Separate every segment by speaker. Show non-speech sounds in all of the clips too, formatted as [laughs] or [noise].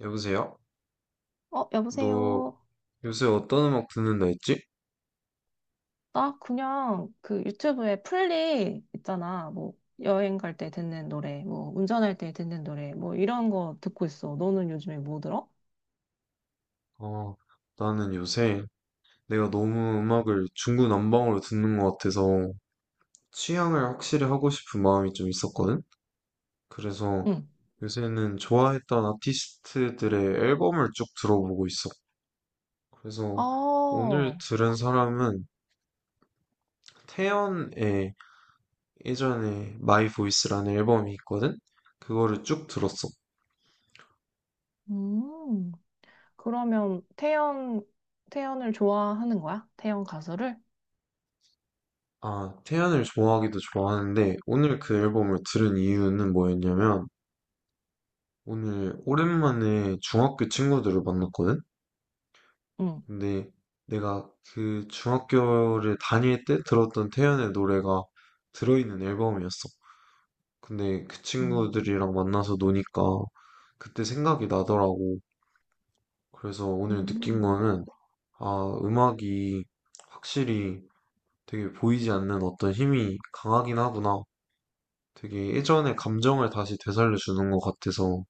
Speaker 1: 여보세요?
Speaker 2: 어,
Speaker 1: 너
Speaker 2: 여보세요.
Speaker 1: 요새 어떤 음악 듣는다 했지?
Speaker 2: 나 그냥 그 유튜브에 플리 있잖아. 뭐 여행 갈 때 듣는 노래, 뭐 운전할 때 듣는 노래, 뭐 이런 거 듣고 있어. 너는 요즘에 뭐 들어?
Speaker 1: 어, 나는 요새 내가 너무 음악을 중구난방으로 듣는 것 같아서 취향을 확실히 하고 싶은 마음이 좀 있었거든? 그래서
Speaker 2: 응.
Speaker 1: 요새는 좋아했던 아티스트들의 앨범을 쭉 들어보고 있어. 그래서 오늘
Speaker 2: 어,
Speaker 1: 들은 사람은 태연의 예전에 마이 보이스라는 앨범이 있거든? 그거를 쭉 들었어.
Speaker 2: 음. 그러면 태연을 좋아하는 거야? 태연 가수를?
Speaker 1: 아, 태연을 좋아하기도 좋아하는데, 오늘 그 앨범을 들은 이유는 뭐였냐면, 오늘 오랜만에 중학교 친구들을 만났거든?
Speaker 2: 응.
Speaker 1: 근데 내가 그 중학교를 다닐 때 들었던 태연의 노래가 들어있는 앨범이었어. 근데 그
Speaker 2: 음.
Speaker 1: 친구들이랑 만나서 노니까 그때 생각이 나더라고. 그래서 오늘 느낀
Speaker 2: 음.
Speaker 1: 거는, 아, 음악이 확실히 되게 보이지 않는 어떤 힘이 강하긴 하구나. 되게 예전의 감정을 다시 되살려 주는 것 같아서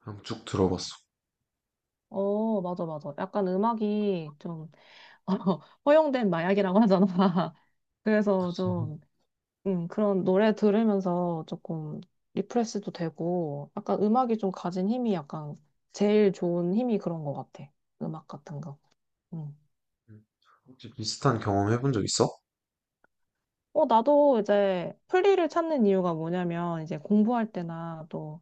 Speaker 1: 그냥 쭉 들어봤어.
Speaker 2: 어, 맞아, 맞아. 약간 음악이 좀 [laughs] 허용된 마약이라고 하잖아. [laughs] 그래서
Speaker 1: 음.
Speaker 2: 좀 그런 노래 들으면서 조금 리프레시도 되고, 약간 음악이 좀 가진 힘이 약간 제일 좋은 힘이 그런 것 같아. 음악 같은 거. 음.
Speaker 1: 혹시 비슷한 경험 해본 적 있어?
Speaker 2: 어, 나도 이제 플리를 찾는 이유가 뭐냐면, 이제 공부할 때나 또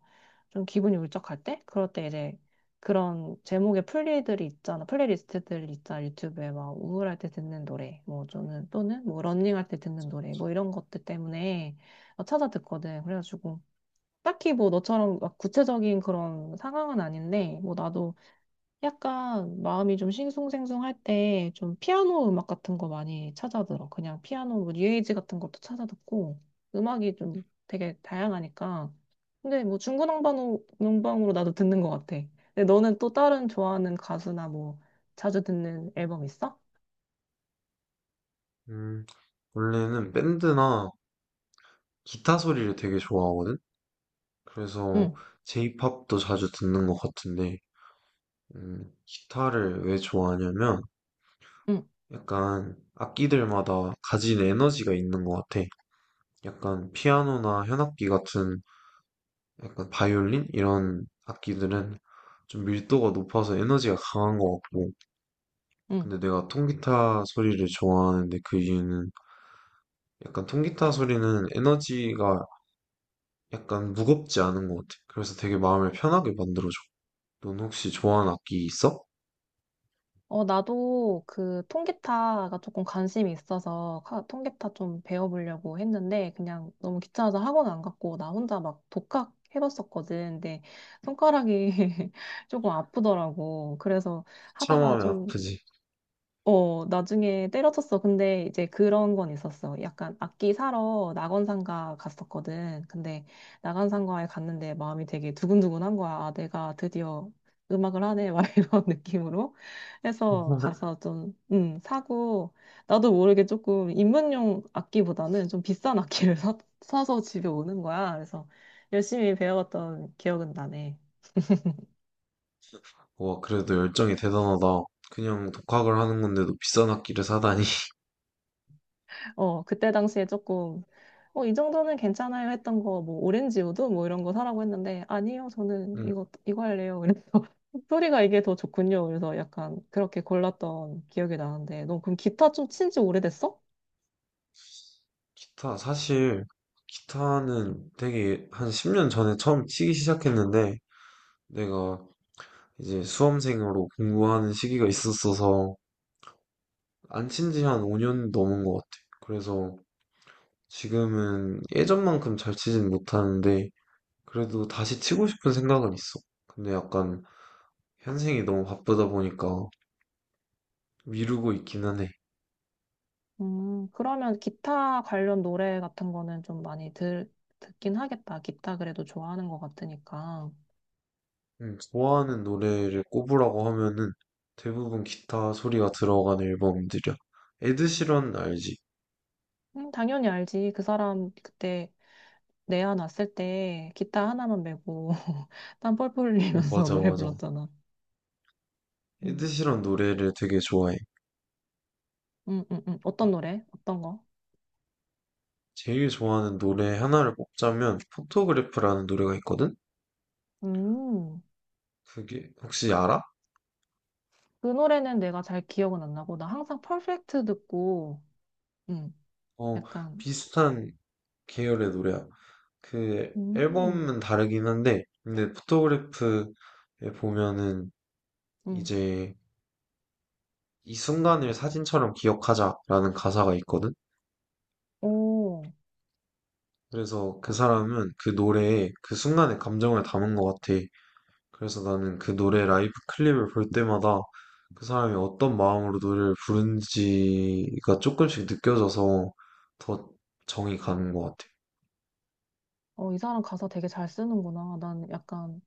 Speaker 2: 좀 기분이 울적할 때? 그럴 때 이제 그런 제목의 플리들이 있잖아. 플레이리스트들이 있잖아. 유튜브에 막 우울할 때 듣는 노래, 뭐 저는 또는 뭐 러닝할 때 듣는 노래, 뭐 이런 것들 때문에 찾아 듣거든. 그래가지고. 딱히 뭐 너처럼 막 구체적인 그런 상황은 아닌데, 뭐 나도 약간 마음이 좀 싱숭생숭할 때 좀 피아노 음악 같은 거 많이 찾아 들어. 그냥 피아노 뭐 뉴에이지 같은 것도 찾아 듣고, 음악이 좀 되게 다양하니까. 근데 뭐 중구난방으로 난방으로 나도 듣는 것 같아. 근데 너는 또 다른 좋아하는 가수나 뭐 자주 듣는 앨범 있어?
Speaker 1: 음, 원래는 밴드나 기타 소리를 되게 좋아하거든? 그래서
Speaker 2: 응,
Speaker 1: J-pop도 자주 듣는 것 같은데, 기타를 왜 좋아하냐면,
Speaker 2: 응,
Speaker 1: 약간 악기들마다 가진 에너지가 있는 것 같아. 약간 피아노나 현악기 같은 약간 바이올린 이런 악기들은 좀 밀도가 높아서 에너지가 강한 것 같고.
Speaker 2: 응.
Speaker 1: 근데 내가 통기타 소리를 좋아하는데 그 이유는 약간 통기타 소리는 에너지가 약간 무겁지 않은 것 같아. 그래서 되게 마음을 편하게 만들어줘. 넌 혹시 좋아하는 악기 있어?
Speaker 2: 어, 나도 그 통기타가 조금 관심이 있어서 통기타 좀 배워보려고 했는데 그냥 너무 귀찮아서 학원 안 갔고 나 혼자 막 독학 해봤었거든. 근데 손가락이 [laughs] 조금 아프더라고. 그래서
Speaker 1: 참하
Speaker 2: 하다가
Speaker 1: 면
Speaker 2: 좀
Speaker 1: 아프지.
Speaker 2: 나중에 때려쳤어. 근데 이제 그런 건 있었어. 약간 악기 사러 낙원상가 갔었거든. 근데 낙원상가에 갔는데 마음이 되게 두근두근한 거야. 아, 내가 드디어 음악을 하네. 막 [laughs] 이런 느낌으로 해서
Speaker 1: [laughs]
Speaker 2: 가서 좀, 사고, 나도 모르게 조금 입문용 악기보다는 좀 비싼 악기를 사서 집에 오는 거야. 그래서 열심히 배워갔던 기억은 나네.
Speaker 1: 와, 그래도 열정이 대단하다. 그냥 독학을 하는 건데도 비싼 악기를 사다니. [laughs]
Speaker 2: 어, 그때 당시에 조금, 이 정도는 괜찮아요 했던 거, 뭐, 오렌지우드 뭐 이런 거 사라고 했는데, 아니요, 저는
Speaker 1: 음,
Speaker 2: 이거 할래요. 그래서 [laughs] 소리가 이게 더 좋군요. 그래서 약간 그렇게 골랐던 기억이 나는데, 너 그럼 기타 좀 친지 오래됐어?
Speaker 1: 기타, 사실, 기타는 되게 한 10년 전에 처음 치기 시작했는데, 내가 이제 수험생으로 공부하는 시기가 있었어서, 안 친지 한 5년 넘은 것 같아. 그래서 지금은 예전만큼 잘 치진 못하는데, 그래도 다시 치고 싶은 생각은 있어. 근데 약간, 현생이 너무 바쁘다 보니까 미루고 있기는 해.
Speaker 2: 그러면 기타 관련 노래 같은 거는 좀 많이 듣긴 하겠다. 기타 그래도 좋아하는 것 같으니까.
Speaker 1: 좋아하는 노래를 꼽으라고 하면은 대부분 기타 소리가 들어간 앨범들이야. 에드시런 알지?
Speaker 2: 당연히 알지. 그 사람 그때 내야 놨을 때 기타 하나만 메고 [laughs] 땀 뻘뻘
Speaker 1: 어,
Speaker 2: 흘리면서 [laughs]
Speaker 1: 맞아,
Speaker 2: 노래
Speaker 1: 맞아.
Speaker 2: 불렀잖아. 음.
Speaker 1: 에드시런 노래를 되게 좋아해.
Speaker 2: 어떤 노래? 어떤 거?
Speaker 1: 제일 좋아하는 노래 하나를 꼽자면 포토그래프라는 노래가 있거든?
Speaker 2: 음,
Speaker 1: 그게 혹시 알아?
Speaker 2: 그 노래는 내가 잘 기억은 안 나고, 나 항상 퍼펙트 듣고, 음,
Speaker 1: 어,
Speaker 2: 약간,
Speaker 1: 비슷한 계열의 노래야. 그
Speaker 2: 음,
Speaker 1: 앨범은 다르긴 한데 근데 포토그래프에 보면은
Speaker 2: 음,
Speaker 1: 이제 이 순간을 사진처럼 기억하자라는 가사가 있거든?
Speaker 2: 오,
Speaker 1: 그래서 그 사람은 그 노래에 그 순간의 감정을 담은 것 같아. 그래서 나는 그 노래 라이브 클립을 볼 때마다 그 사람이 어떤 마음으로 노래를 부른지가 조금씩 느껴져서 더 정이 가는 것 같아.
Speaker 2: 어, 이 사람 가사 되게 잘 쓰는구나. 난 약간,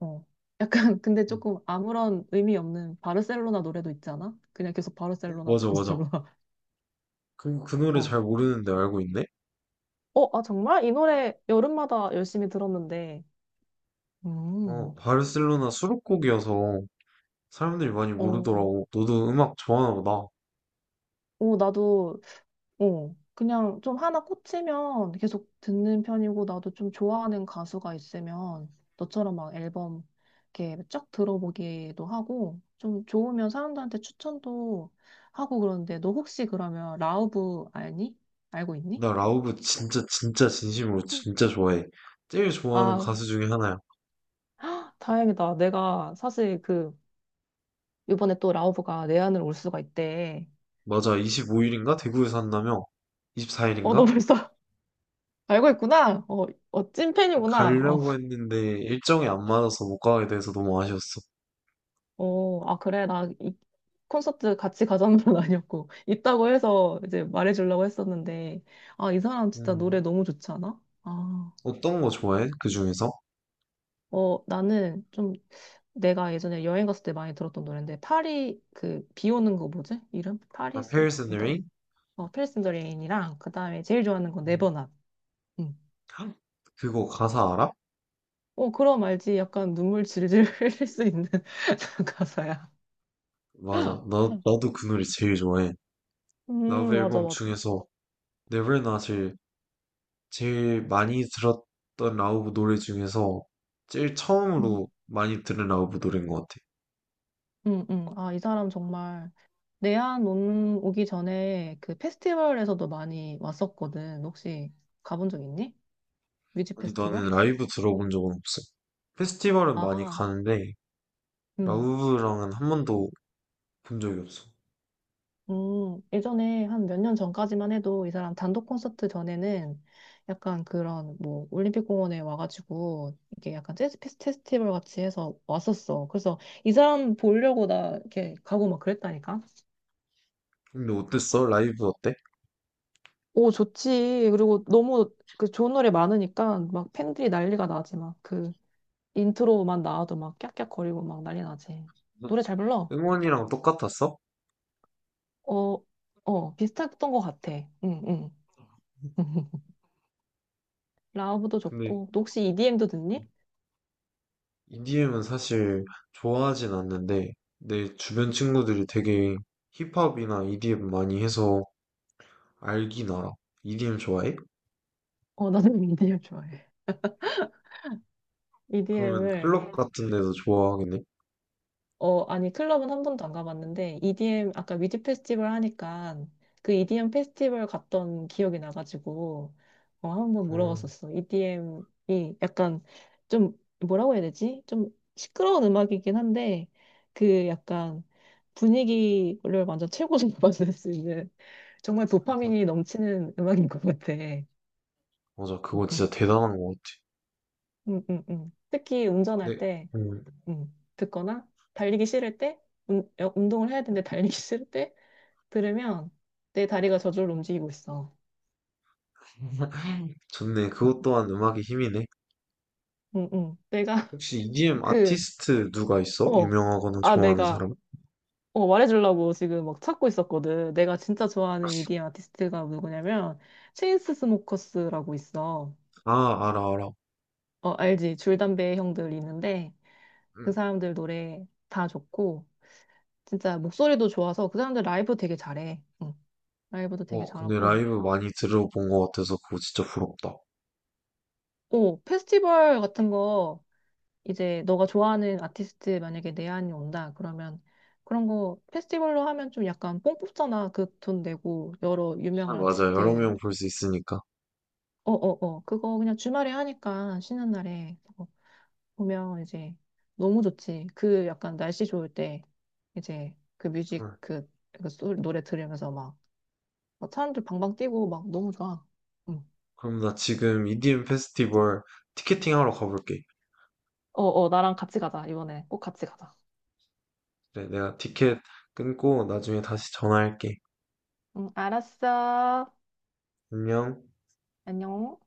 Speaker 2: 어, 약간, [laughs] 근데
Speaker 1: 음.
Speaker 2: 조금 아무런 의미 없는 바르셀로나 노래도 있잖아? 그냥 계속 바르셀로나,
Speaker 1: 맞아, 맞아.
Speaker 2: 바르셀로나,
Speaker 1: 그
Speaker 2: [laughs]
Speaker 1: 노래
Speaker 2: 어,
Speaker 1: 잘 모르는데 알고 있네?
Speaker 2: 어, 아, 정말? 이 노래 여름마다 열심히 들었는데.
Speaker 1: 어,
Speaker 2: 음,
Speaker 1: 바르셀로나 수록곡이어서 사람들이 많이
Speaker 2: 어,
Speaker 1: 모르더라고. 너도 음악 좋아하나 보다.
Speaker 2: 오, 나도 어, 그냥 좀 하나 꽂히면 계속 듣는 편이고, 나도 좀 좋아하는 가수가 있으면 너처럼 막 앨범 이렇게 쫙 들어보기도 하고, 좀 좋으면 사람들한테 추천도 하고 그러는데, 너 혹시 그러면 라우브 알니? 알고 있니?
Speaker 1: 나 라우브 진짜 진심으로 진짜 좋아해. 제일 좋아하는
Speaker 2: 아,
Speaker 1: 가수 중에 하나야.
Speaker 2: 다행이다. 내가 사실 그, 이번에 또 라우브가 내 안으로 올 수가 있대.
Speaker 1: 맞아, 25일인가? 대구에서 한다며?
Speaker 2: 어, 너
Speaker 1: 24일인가?
Speaker 2: 벌써 [laughs] 알고 있구나. 어, 어, 찐팬이구나.
Speaker 1: 가려고 했는데 일정이 안 맞아서 못 가게 돼서 너무 아쉬웠어.
Speaker 2: 어, 아, 그래. 나 이 콘서트 같이 가자는 건 [laughs] 아니었고, 있다고 해서 이제 말해주려고 했었는데, 아, 이 사람 진짜
Speaker 1: 음.
Speaker 2: 노래 너무 좋지 않아? 아,
Speaker 1: 어떤 거 좋아해? 그 중에서?
Speaker 2: 어, 나는 좀 내가 예전에 여행 갔을 때 많이 들었던 노래인데, 파리, 그, 비 오는 거 뭐지? 이름?
Speaker 1: 아,
Speaker 2: 파리스,
Speaker 1: Paris and the
Speaker 2: 더,
Speaker 1: Rain?
Speaker 2: 페리스 인더 레인이랑, 그 다음에 제일 좋아하는 건
Speaker 1: 음.
Speaker 2: 네버낫. 응.
Speaker 1: 헉, 그거 가사 알아?
Speaker 2: 어, 그럼 알지. 약간 눈물 질질 [laughs] 흘릴 수 있는 [laughs] 가사야.
Speaker 1: 맞아. 나도 그 노래 제일 좋아해. 러브
Speaker 2: 맞아,
Speaker 1: 앨범
Speaker 2: 맞아.
Speaker 1: 중에서 Never Not을 제일 많이 들었던 라우브 노래 중에서 제일
Speaker 2: 음.
Speaker 1: 처음으로 많이 들은 라우브 노래인 것 같아.
Speaker 2: 응, 응. 아, 이 사람 정말 내한 오기 전에 그 페스티벌에서도 많이 왔었거든. 혹시 가본 적 있니? 뮤직
Speaker 1: 아니,
Speaker 2: 페스티벌?
Speaker 1: 나는 라이브 들어본 적은 없어. 페스티벌은 많이
Speaker 2: 아,
Speaker 1: 가는데
Speaker 2: 응.
Speaker 1: 라우브랑은 한 번도 본 적이 없어.
Speaker 2: 예전에 한 몇 년 전까지만 해도 이 사람 단독 콘서트 전에는 약간 그런 뭐 올림픽 공원에 와가지고 이게 약간 재즈 페스티벌 같이 해서 왔었어. 그래서 이 사람 보려고 나 이렇게 가고 막 그랬다니까.
Speaker 1: 근데 어땠어? 라이브 어때?
Speaker 2: 오, 좋지. 그리고 너무 그 좋은 노래 많으니까 막 팬들이 난리가 나지. 막 그 인트로만 나와도 막 깍깍거리고 막 난리 나지.
Speaker 1: 응?
Speaker 2: 노래 잘 불러?
Speaker 1: 응원이랑 똑같았어?
Speaker 2: 어, 어, 비슷했던 것 같아. 응, 응. [laughs] 라우브도
Speaker 1: 근데
Speaker 2: 좋고. 너 혹시 EDM도 듣니?
Speaker 1: EDM은 사실 좋아하진 않는데 내 주변 친구들이 되게 힙합이나 EDM 많이 해서 알긴 알아. EDM 좋아해?
Speaker 2: 어, 나도 EDM 좋아해.
Speaker 1: 그러면
Speaker 2: EDM을
Speaker 1: 클럽 같은 데서 좋아하겠네?
Speaker 2: 어, 아니, 클럽은 한 번도 안 가봤는데, EDM, 아까 위드 페스티벌 하니까, 그 EDM 페스티벌 갔던 기억이 나가지고, 한번
Speaker 1: 어,
Speaker 2: 물어봤었어. EDM이 약간 좀, 뭐라고 해야 되지? 좀 시끄러운 음악이긴 한데, 그 약간 분위기를 완전 최고로 [laughs] 만들 수 있는, 정말
Speaker 1: 맞아.
Speaker 2: 도파민이 넘치는 음악인 것 같아.
Speaker 1: 맞아, 그거 진짜
Speaker 2: [laughs]
Speaker 1: 대단한 것 같아.
Speaker 2: 응, 응, 응. 특히 운전할
Speaker 1: 네,
Speaker 2: 때,
Speaker 1: 음,
Speaker 2: 듣거나 달리기 싫을 때 운동을 해야 되는데 달리기 [laughs] 싫을 때 들으면 내 다리가 저절로 움직이고 있어.
Speaker 1: 좋네.
Speaker 2: 응,
Speaker 1: 그것 또한 음악의 힘이네.
Speaker 2: 응. 응. 내가 [laughs]
Speaker 1: 혹시 EDM
Speaker 2: 그,
Speaker 1: 아티스트 누가 있어?
Speaker 2: 어,
Speaker 1: 유명하거나
Speaker 2: 아,
Speaker 1: 좋아하는
Speaker 2: 내가
Speaker 1: 사람?
Speaker 2: 말해주려고 지금 막 찾고 있었거든. 내가 진짜 좋아하는 EDM 아티스트가 누구냐면 체인스 스모커스라고 있어.
Speaker 1: 아, 알아, 알아.
Speaker 2: 어, 알지? 줄담배 형들 있는데 그
Speaker 1: 응.
Speaker 2: 사람들 노래 다 좋고 진짜 목소리도 좋아서 그 사람들 라이브 되게 잘해. 응. 라이브도 되게
Speaker 1: 와, 근데
Speaker 2: 잘하고.
Speaker 1: 라이브 많이 들어본 것 같아서 그거 진짜 부럽다.
Speaker 2: 오, 페스티벌 같은 거, 이제 너가 좋아하는 아티스트 만약에 내한이 온다, 그러면 그런 거 페스티벌로 하면 좀 약간 뽕 뽑잖아. 그 돈 내고 여러
Speaker 1: 아,
Speaker 2: 유명한
Speaker 1: 맞아. 여러 명
Speaker 2: 아티스트.
Speaker 1: 볼 수 있으니까.
Speaker 2: 어, 어, 어. 그거 그냥 주말에 하니까 쉬는 날에 그거 보면 이제 너무 좋지. 그 약간 날씨 좋을 때 이제 그 뮤직
Speaker 1: 헐.
Speaker 2: 노래 들으면서 막, 막 사람들 방방 뛰고 막 너무 좋아. 응.
Speaker 1: 그럼 나 지금 EDM 페스티벌 티켓팅 하러 가볼게.
Speaker 2: 어, 어, 나랑 같이 가자, 이번에. 꼭 같이 가자.
Speaker 1: 그래, 내가 티켓 끊고 나중에 다시 전화할게.
Speaker 2: 응, 알았어.
Speaker 1: 안녕.
Speaker 2: 안녕.